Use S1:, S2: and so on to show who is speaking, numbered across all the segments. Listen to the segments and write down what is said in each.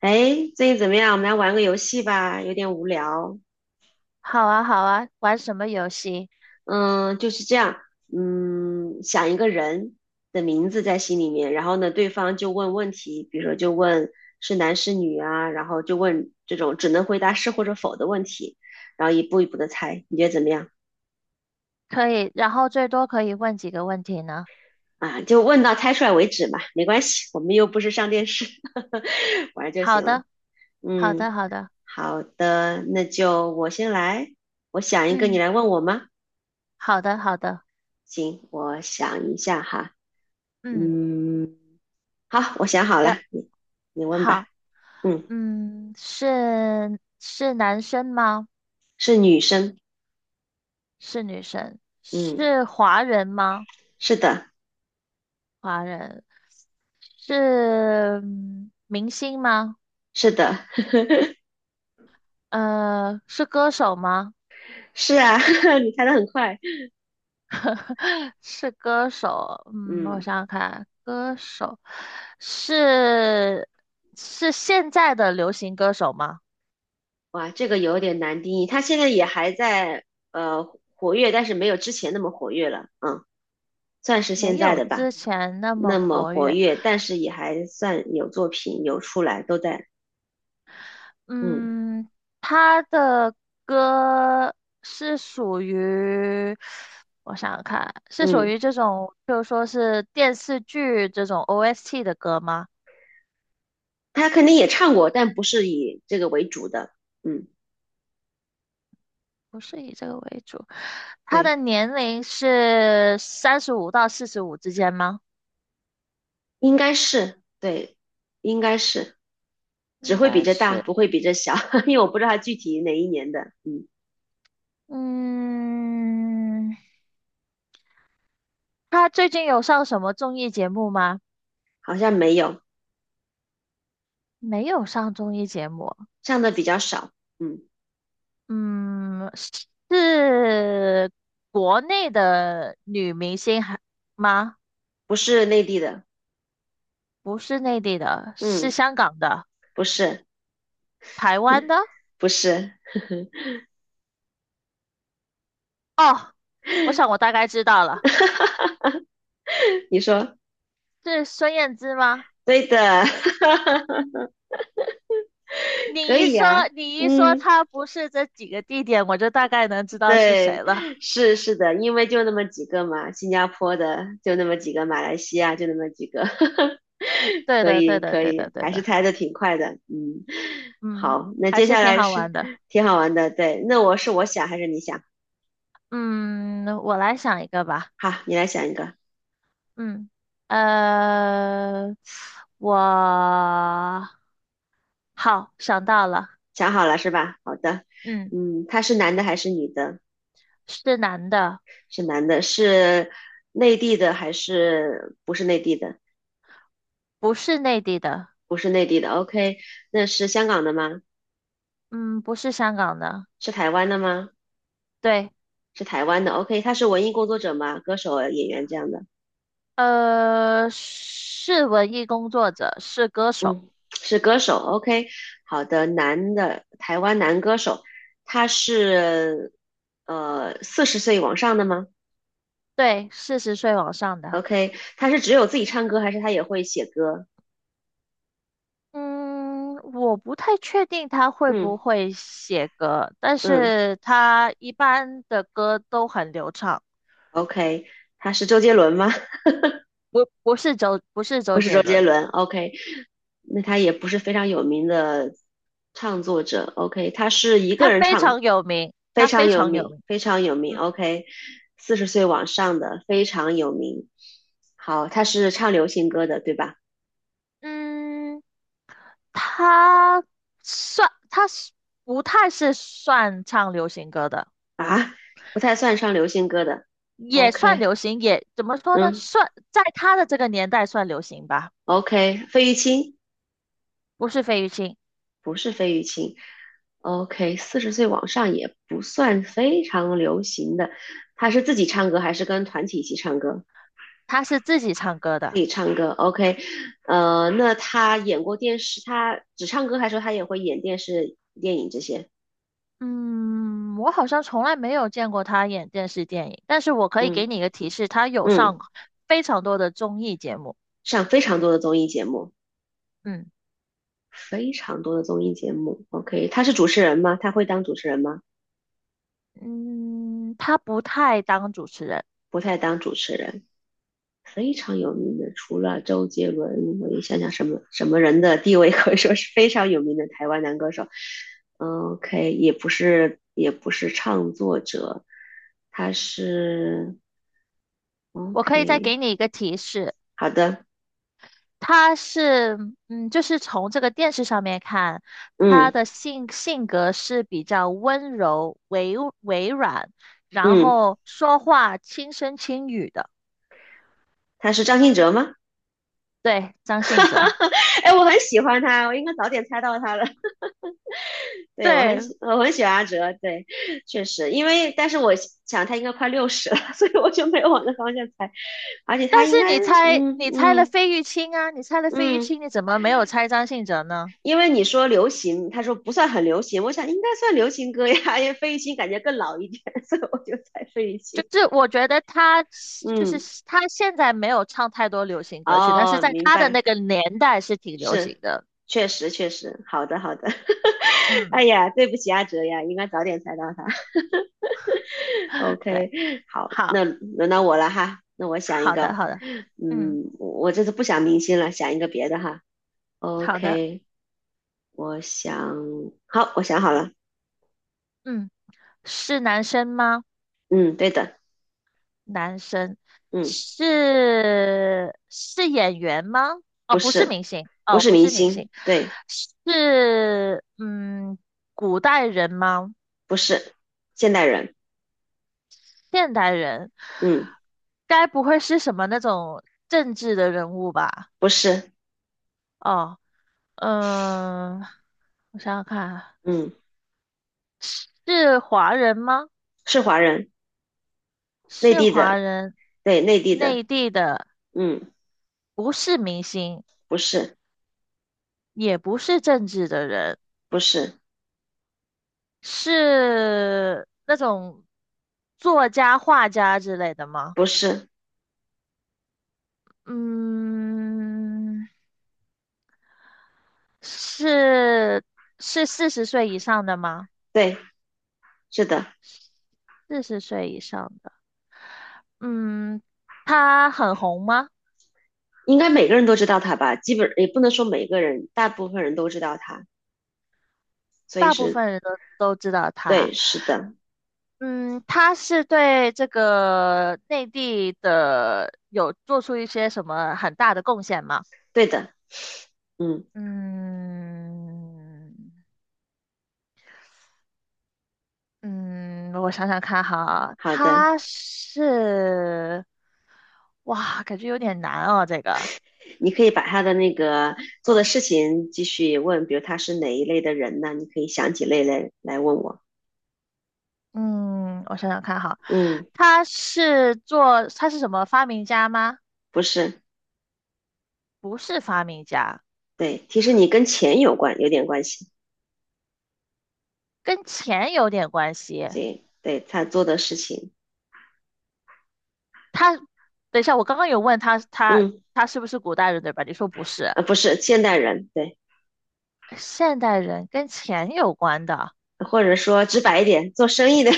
S1: 哎，最近怎么样？我们来玩个游戏吧，有点无聊。
S2: 好啊，好啊，玩什么游戏？
S1: 嗯，就是这样。嗯，想一个人的名字在心里面，然后呢，对方就问问题，比如说就问是男是女啊，然后就问这种只能回答是或者否的问题，然后一步一步的猜，你觉得怎么样？
S2: 可以，然后最多可以问几个问题呢？
S1: 啊，就问到猜出来为止嘛，没关系，我们又不是上电视，玩儿就
S2: 好
S1: 行了。
S2: 的，好
S1: 嗯，
S2: 的，好的，
S1: 好的，那就我先来，我想一个，你
S2: 嗯，
S1: 来问我吗？
S2: 好的，好的，
S1: 行，我想一下哈。
S2: 嗯，
S1: 嗯，好，我想好
S2: 不
S1: 了，
S2: 要，
S1: 你问吧。
S2: 好，
S1: 嗯，
S2: 是男生吗？
S1: 是女生。
S2: 是女生？
S1: 嗯，
S2: 是华人吗？
S1: 是的。
S2: 华人是明星吗？
S1: 是的。
S2: 是歌手吗？
S1: 是啊，你猜的很快。
S2: 是歌手，嗯，我
S1: 嗯，
S2: 想想看，歌手是是现在的流行歌手吗？
S1: 哇，这个有点难定义，她现在也还在呃活跃，但是没有之前那么活跃了。嗯，算是现
S2: 没
S1: 在
S2: 有
S1: 的吧，
S2: 之前那么
S1: 那么
S2: 活
S1: 活
S2: 跃，
S1: 跃，但是也还算有作品有出来，都在。嗯
S2: 嗯，他的歌是属于，我想想看，是属
S1: 嗯，
S2: 于这种，就说是电视剧这种 OST 的歌吗？
S1: 她肯定也唱过，但不是以这个为主的。嗯，
S2: 不是以这个为主，他的
S1: 对。
S2: 年龄是35到45之间吗？
S1: 应该是，对，应该是。只
S2: 应
S1: 会比
S2: 该
S1: 这大，
S2: 是，
S1: 不会比这小，因为我不知道他具体哪一年的。嗯，
S2: 嗯，他最近有上什么综艺节目吗？
S1: 好像没有。
S2: 没有上综艺节目，
S1: 上的比较少。嗯，
S2: 嗯，是国内的女明星还吗？
S1: 不是内地的。
S2: 不是内地的，是
S1: 嗯，
S2: 香港的，
S1: 不是。
S2: 台湾的。
S1: 不是。
S2: 哦，我想我大概知道了，
S1: 你说
S2: 是孙燕姿吗？
S1: 对的。
S2: 你
S1: 可
S2: 一
S1: 以
S2: 说，
S1: 呀、
S2: 你一说
S1: 嗯。
S2: 她不是这几个地点，我就大概能知道是谁
S1: 对，
S2: 了。
S1: 是是的，因为就那么几个嘛，新加坡的就那么几个，马来西亚就那么几个。
S2: 呃，对
S1: 可
S2: 的，
S1: 以
S2: 对的，
S1: 可
S2: 对的，
S1: 以，
S2: 对
S1: 还是
S2: 的。
S1: 猜的挺快的。嗯，
S2: 嗯，
S1: 好，那
S2: 还
S1: 接
S2: 是
S1: 下
S2: 挺
S1: 来
S2: 好
S1: 是
S2: 玩的。
S1: 挺好玩的，对。那我是我想还是你想？
S2: 嗯，我来想一个吧。
S1: 好，你来想一个。
S2: 嗯，呃，我好想到了。
S1: 想好了是吧？好的。
S2: 嗯，
S1: 嗯，他是男的还是女的？
S2: 是男的，
S1: 是男的。是内地的还是不是内地的？
S2: 不是内地的，
S1: 不是内地的，OK。那是香港的吗？
S2: 嗯，不是香港的。
S1: 是台湾的吗？
S2: 对，
S1: 是台湾的，OK。他是文艺工作者吗？歌手、演员这样的。
S2: 呃，是文艺工作者，是歌手，
S1: 嗯，是歌手，OK。好的，男的，台湾男歌手，他是四十岁往上的吗
S2: 对，四十岁往上的。
S1: ？OK，他是只有自己唱歌，还是他也会写歌？
S2: 嗯，我不太确定他会不
S1: 嗯
S2: 会写歌，但
S1: 嗯
S2: 是他一般的歌都很流畅。
S1: ，OK,他是周杰伦吗？
S2: 不不是周不是
S1: 不
S2: 周
S1: 是
S2: 杰
S1: 周杰
S2: 伦，
S1: 伦，OK。那他也不是非常有名的唱作者，OK,他是一个
S2: 他
S1: 人
S2: 非
S1: 唱。
S2: 常有名，
S1: 非
S2: 他
S1: 常
S2: 非
S1: 有
S2: 常有
S1: 名，
S2: 名。
S1: 非常有名
S2: 嗯
S1: ，OK。四十岁往上的非常有名。好，他是唱流行歌的，对吧？
S2: 嗯，他他不太是算唱流行歌的，
S1: 啊，不太算唱流行歌的
S2: 也算
S1: ，OK。
S2: 流行，也怎么说呢？
S1: 嗯
S2: 算在他的这个年代算流行吧，
S1: ，OK,费玉清
S2: 不是费玉清，
S1: 不是费玉清，OK。四十岁往上也不算非常流行的，他是自己唱歌还是跟团体一起唱歌？
S2: 他是自己唱歌
S1: 自
S2: 的。
S1: 己唱歌，OK。那他演过电视，他只唱歌还是说他也会演电视、电影这些？
S2: 嗯，我好像从来没有见过他演电视电影，但是我可以
S1: 嗯
S2: 给你一个提示，他有
S1: 嗯，
S2: 上非常多的综艺节目。
S1: 上非常多的综艺节目。
S2: 嗯。
S1: 非常多的综艺节目，OK,他是主持人吗？他会当主持人吗？
S2: 嗯，他不太当主持人。
S1: 不太当主持人。非常有名的，除了周杰伦，我也想想什么什么人的地位可以说是非常有名的台湾男歌手。嗯， OK,也不是也不是唱作者，他是
S2: 我可以再
S1: OK。
S2: 给你一个提示，
S1: 好的，
S2: 他是，嗯，就是从这个电视上面看，他
S1: 嗯
S2: 的性格是比较温柔、委软，然
S1: 嗯，
S2: 后说话轻声轻语的。
S1: 他是张信哲吗？
S2: 对，张信哲。
S1: 哎，我很喜欢他，我应该早点猜到他了。对，我很
S2: 对，
S1: 喜，我很喜欢阿哲。对，确实，因为但是我想他应该快六十了，所以我就没有往那方向猜。而且他
S2: 但
S1: 应
S2: 是
S1: 该，
S2: 你猜，
S1: 嗯
S2: 你猜了
S1: 嗯
S2: 费玉清啊，你猜了费玉
S1: 嗯，
S2: 清，你怎么没有猜张信哲呢？
S1: 因为你说流行，他说不算很流行，我想应该算流行歌呀，因为费玉清感觉更老一点，所以我就猜费玉
S2: 就
S1: 清。
S2: 是我觉得他就是
S1: 嗯，
S2: 他现在没有唱太多流行歌曲，但是
S1: 哦，
S2: 在
S1: 明
S2: 他的
S1: 白，
S2: 那个年代是挺流行
S1: 是，
S2: 的。
S1: 确实确实，好的好的。
S2: 嗯
S1: 哎呀，对不起阿哲呀，应该早点猜到他。
S2: 对，
S1: OK,好，
S2: 好，
S1: 那轮到我了哈，那我想一
S2: 好的，
S1: 个。
S2: 好的，嗯，
S1: 嗯，我这次不想明星了，想一个别的哈。
S2: 好的，
S1: OK,我想，好，我想好了。
S2: 嗯，是男生吗？
S1: 嗯，对的。
S2: 男生
S1: 嗯，
S2: 是演员吗？哦，
S1: 不
S2: 不是
S1: 是，
S2: 明星，
S1: 不
S2: 哦，
S1: 是
S2: 不
S1: 明
S2: 是明
S1: 星，
S2: 星，
S1: 对。
S2: 是古代人吗？
S1: 不是现代人。
S2: 现代人，
S1: 嗯，
S2: 该不会是什么那种政治的人物吧？
S1: 不是。
S2: 哦，嗯，我想想看，
S1: 嗯，
S2: 是华人吗？
S1: 是华人。内
S2: 是
S1: 地
S2: 华
S1: 的，
S2: 人，
S1: 对，内地的。
S2: 内地的，
S1: 嗯，
S2: 不是明星，
S1: 不是。
S2: 也不是政治的人，
S1: 不是。
S2: 是那种作家、画家之类的吗？
S1: 不是。
S2: 嗯，是是四十岁以上的吗？
S1: 对，是的。
S2: 四十岁以上。的。嗯，他很红吗？
S1: 应该每个人都知道他吧？基本也不能说每个人，大部分人都知道他，所以
S2: 大部
S1: 是
S2: 分人都知道
S1: 对，
S2: 他。
S1: 是的。
S2: 嗯，他是对这个内地的有做出一些什么很大的贡献吗？
S1: 对的。嗯，
S2: 嗯嗯，我想想看哈，
S1: 好的，
S2: 他是，哇，感觉有点难哦，这个。
S1: 你可以把他的那个做的
S2: 呃
S1: 事情继续问，比如他是哪一类的人呢？你可以想几类来问我。
S2: 嗯，我想想看哈，
S1: 嗯，
S2: 他是做，他是什么发明家吗？
S1: 不是。
S2: 不是发明家。
S1: 对，其实你跟钱有关，有点关系。
S2: 跟钱有点关系。
S1: 对，对他做的事情。
S2: 他，等一下，我刚刚有问他，他
S1: 嗯，
S2: 他是不是古代人，对吧？你说不是，
S1: 不是现代人，对。
S2: 现代人跟钱有关的，
S1: 或者说直白一点，做生意的。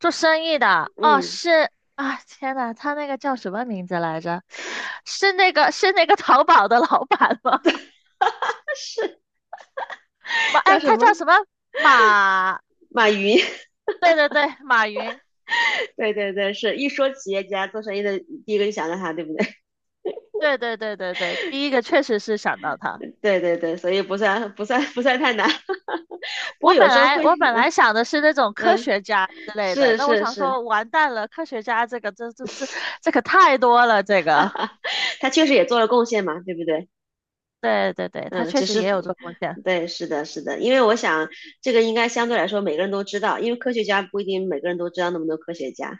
S2: 做生意的。哦，
S1: 嗯，
S2: 是啊，天呐，他那个叫什么名字来着？是那个淘宝的老板吗？马，
S1: 叫
S2: 哎，
S1: 什
S2: 他
S1: 么？
S2: 叫什么？马，
S1: 马云。
S2: 对对对，马云，
S1: 对对对，是一说企业家做生意的，第一个就想到他，对不对？
S2: 对对对对对，第一个确实是想到他。
S1: 对对对，所以不算不算不算太难。不过
S2: 我
S1: 有
S2: 本
S1: 时候
S2: 来
S1: 会。
S2: 我本来想的是那种科
S1: 嗯，
S2: 学家之类的，
S1: 是
S2: 但我
S1: 是
S2: 想
S1: 是，
S2: 说完蛋了，科学家这个这可太多了，这个
S1: 他确实也做了贡献嘛，对不对？
S2: 对对对，它
S1: 嗯，
S2: 确
S1: 只
S2: 实
S1: 是
S2: 也有
S1: 不，
S2: 这风险。
S1: 对，是的，是的，因为我想这个应该相对来说每个人都知道，因为科学家不一定每个人都知道那么多科学家，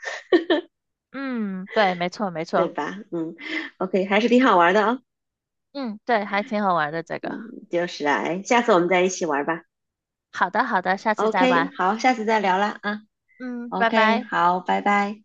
S2: 嗯，对，没错没
S1: 对
S2: 错，
S1: 吧？嗯，OK,还是挺好玩的哦。
S2: 嗯，对，还挺好玩的这个。
S1: 嗯，就是啊，哎，下次我们再一起玩吧。
S2: 好的好的，下次再
S1: OK,
S2: 玩。
S1: 好，下次再聊了啊。
S2: 嗯，拜
S1: OK,
S2: 拜。
S1: 好，拜拜。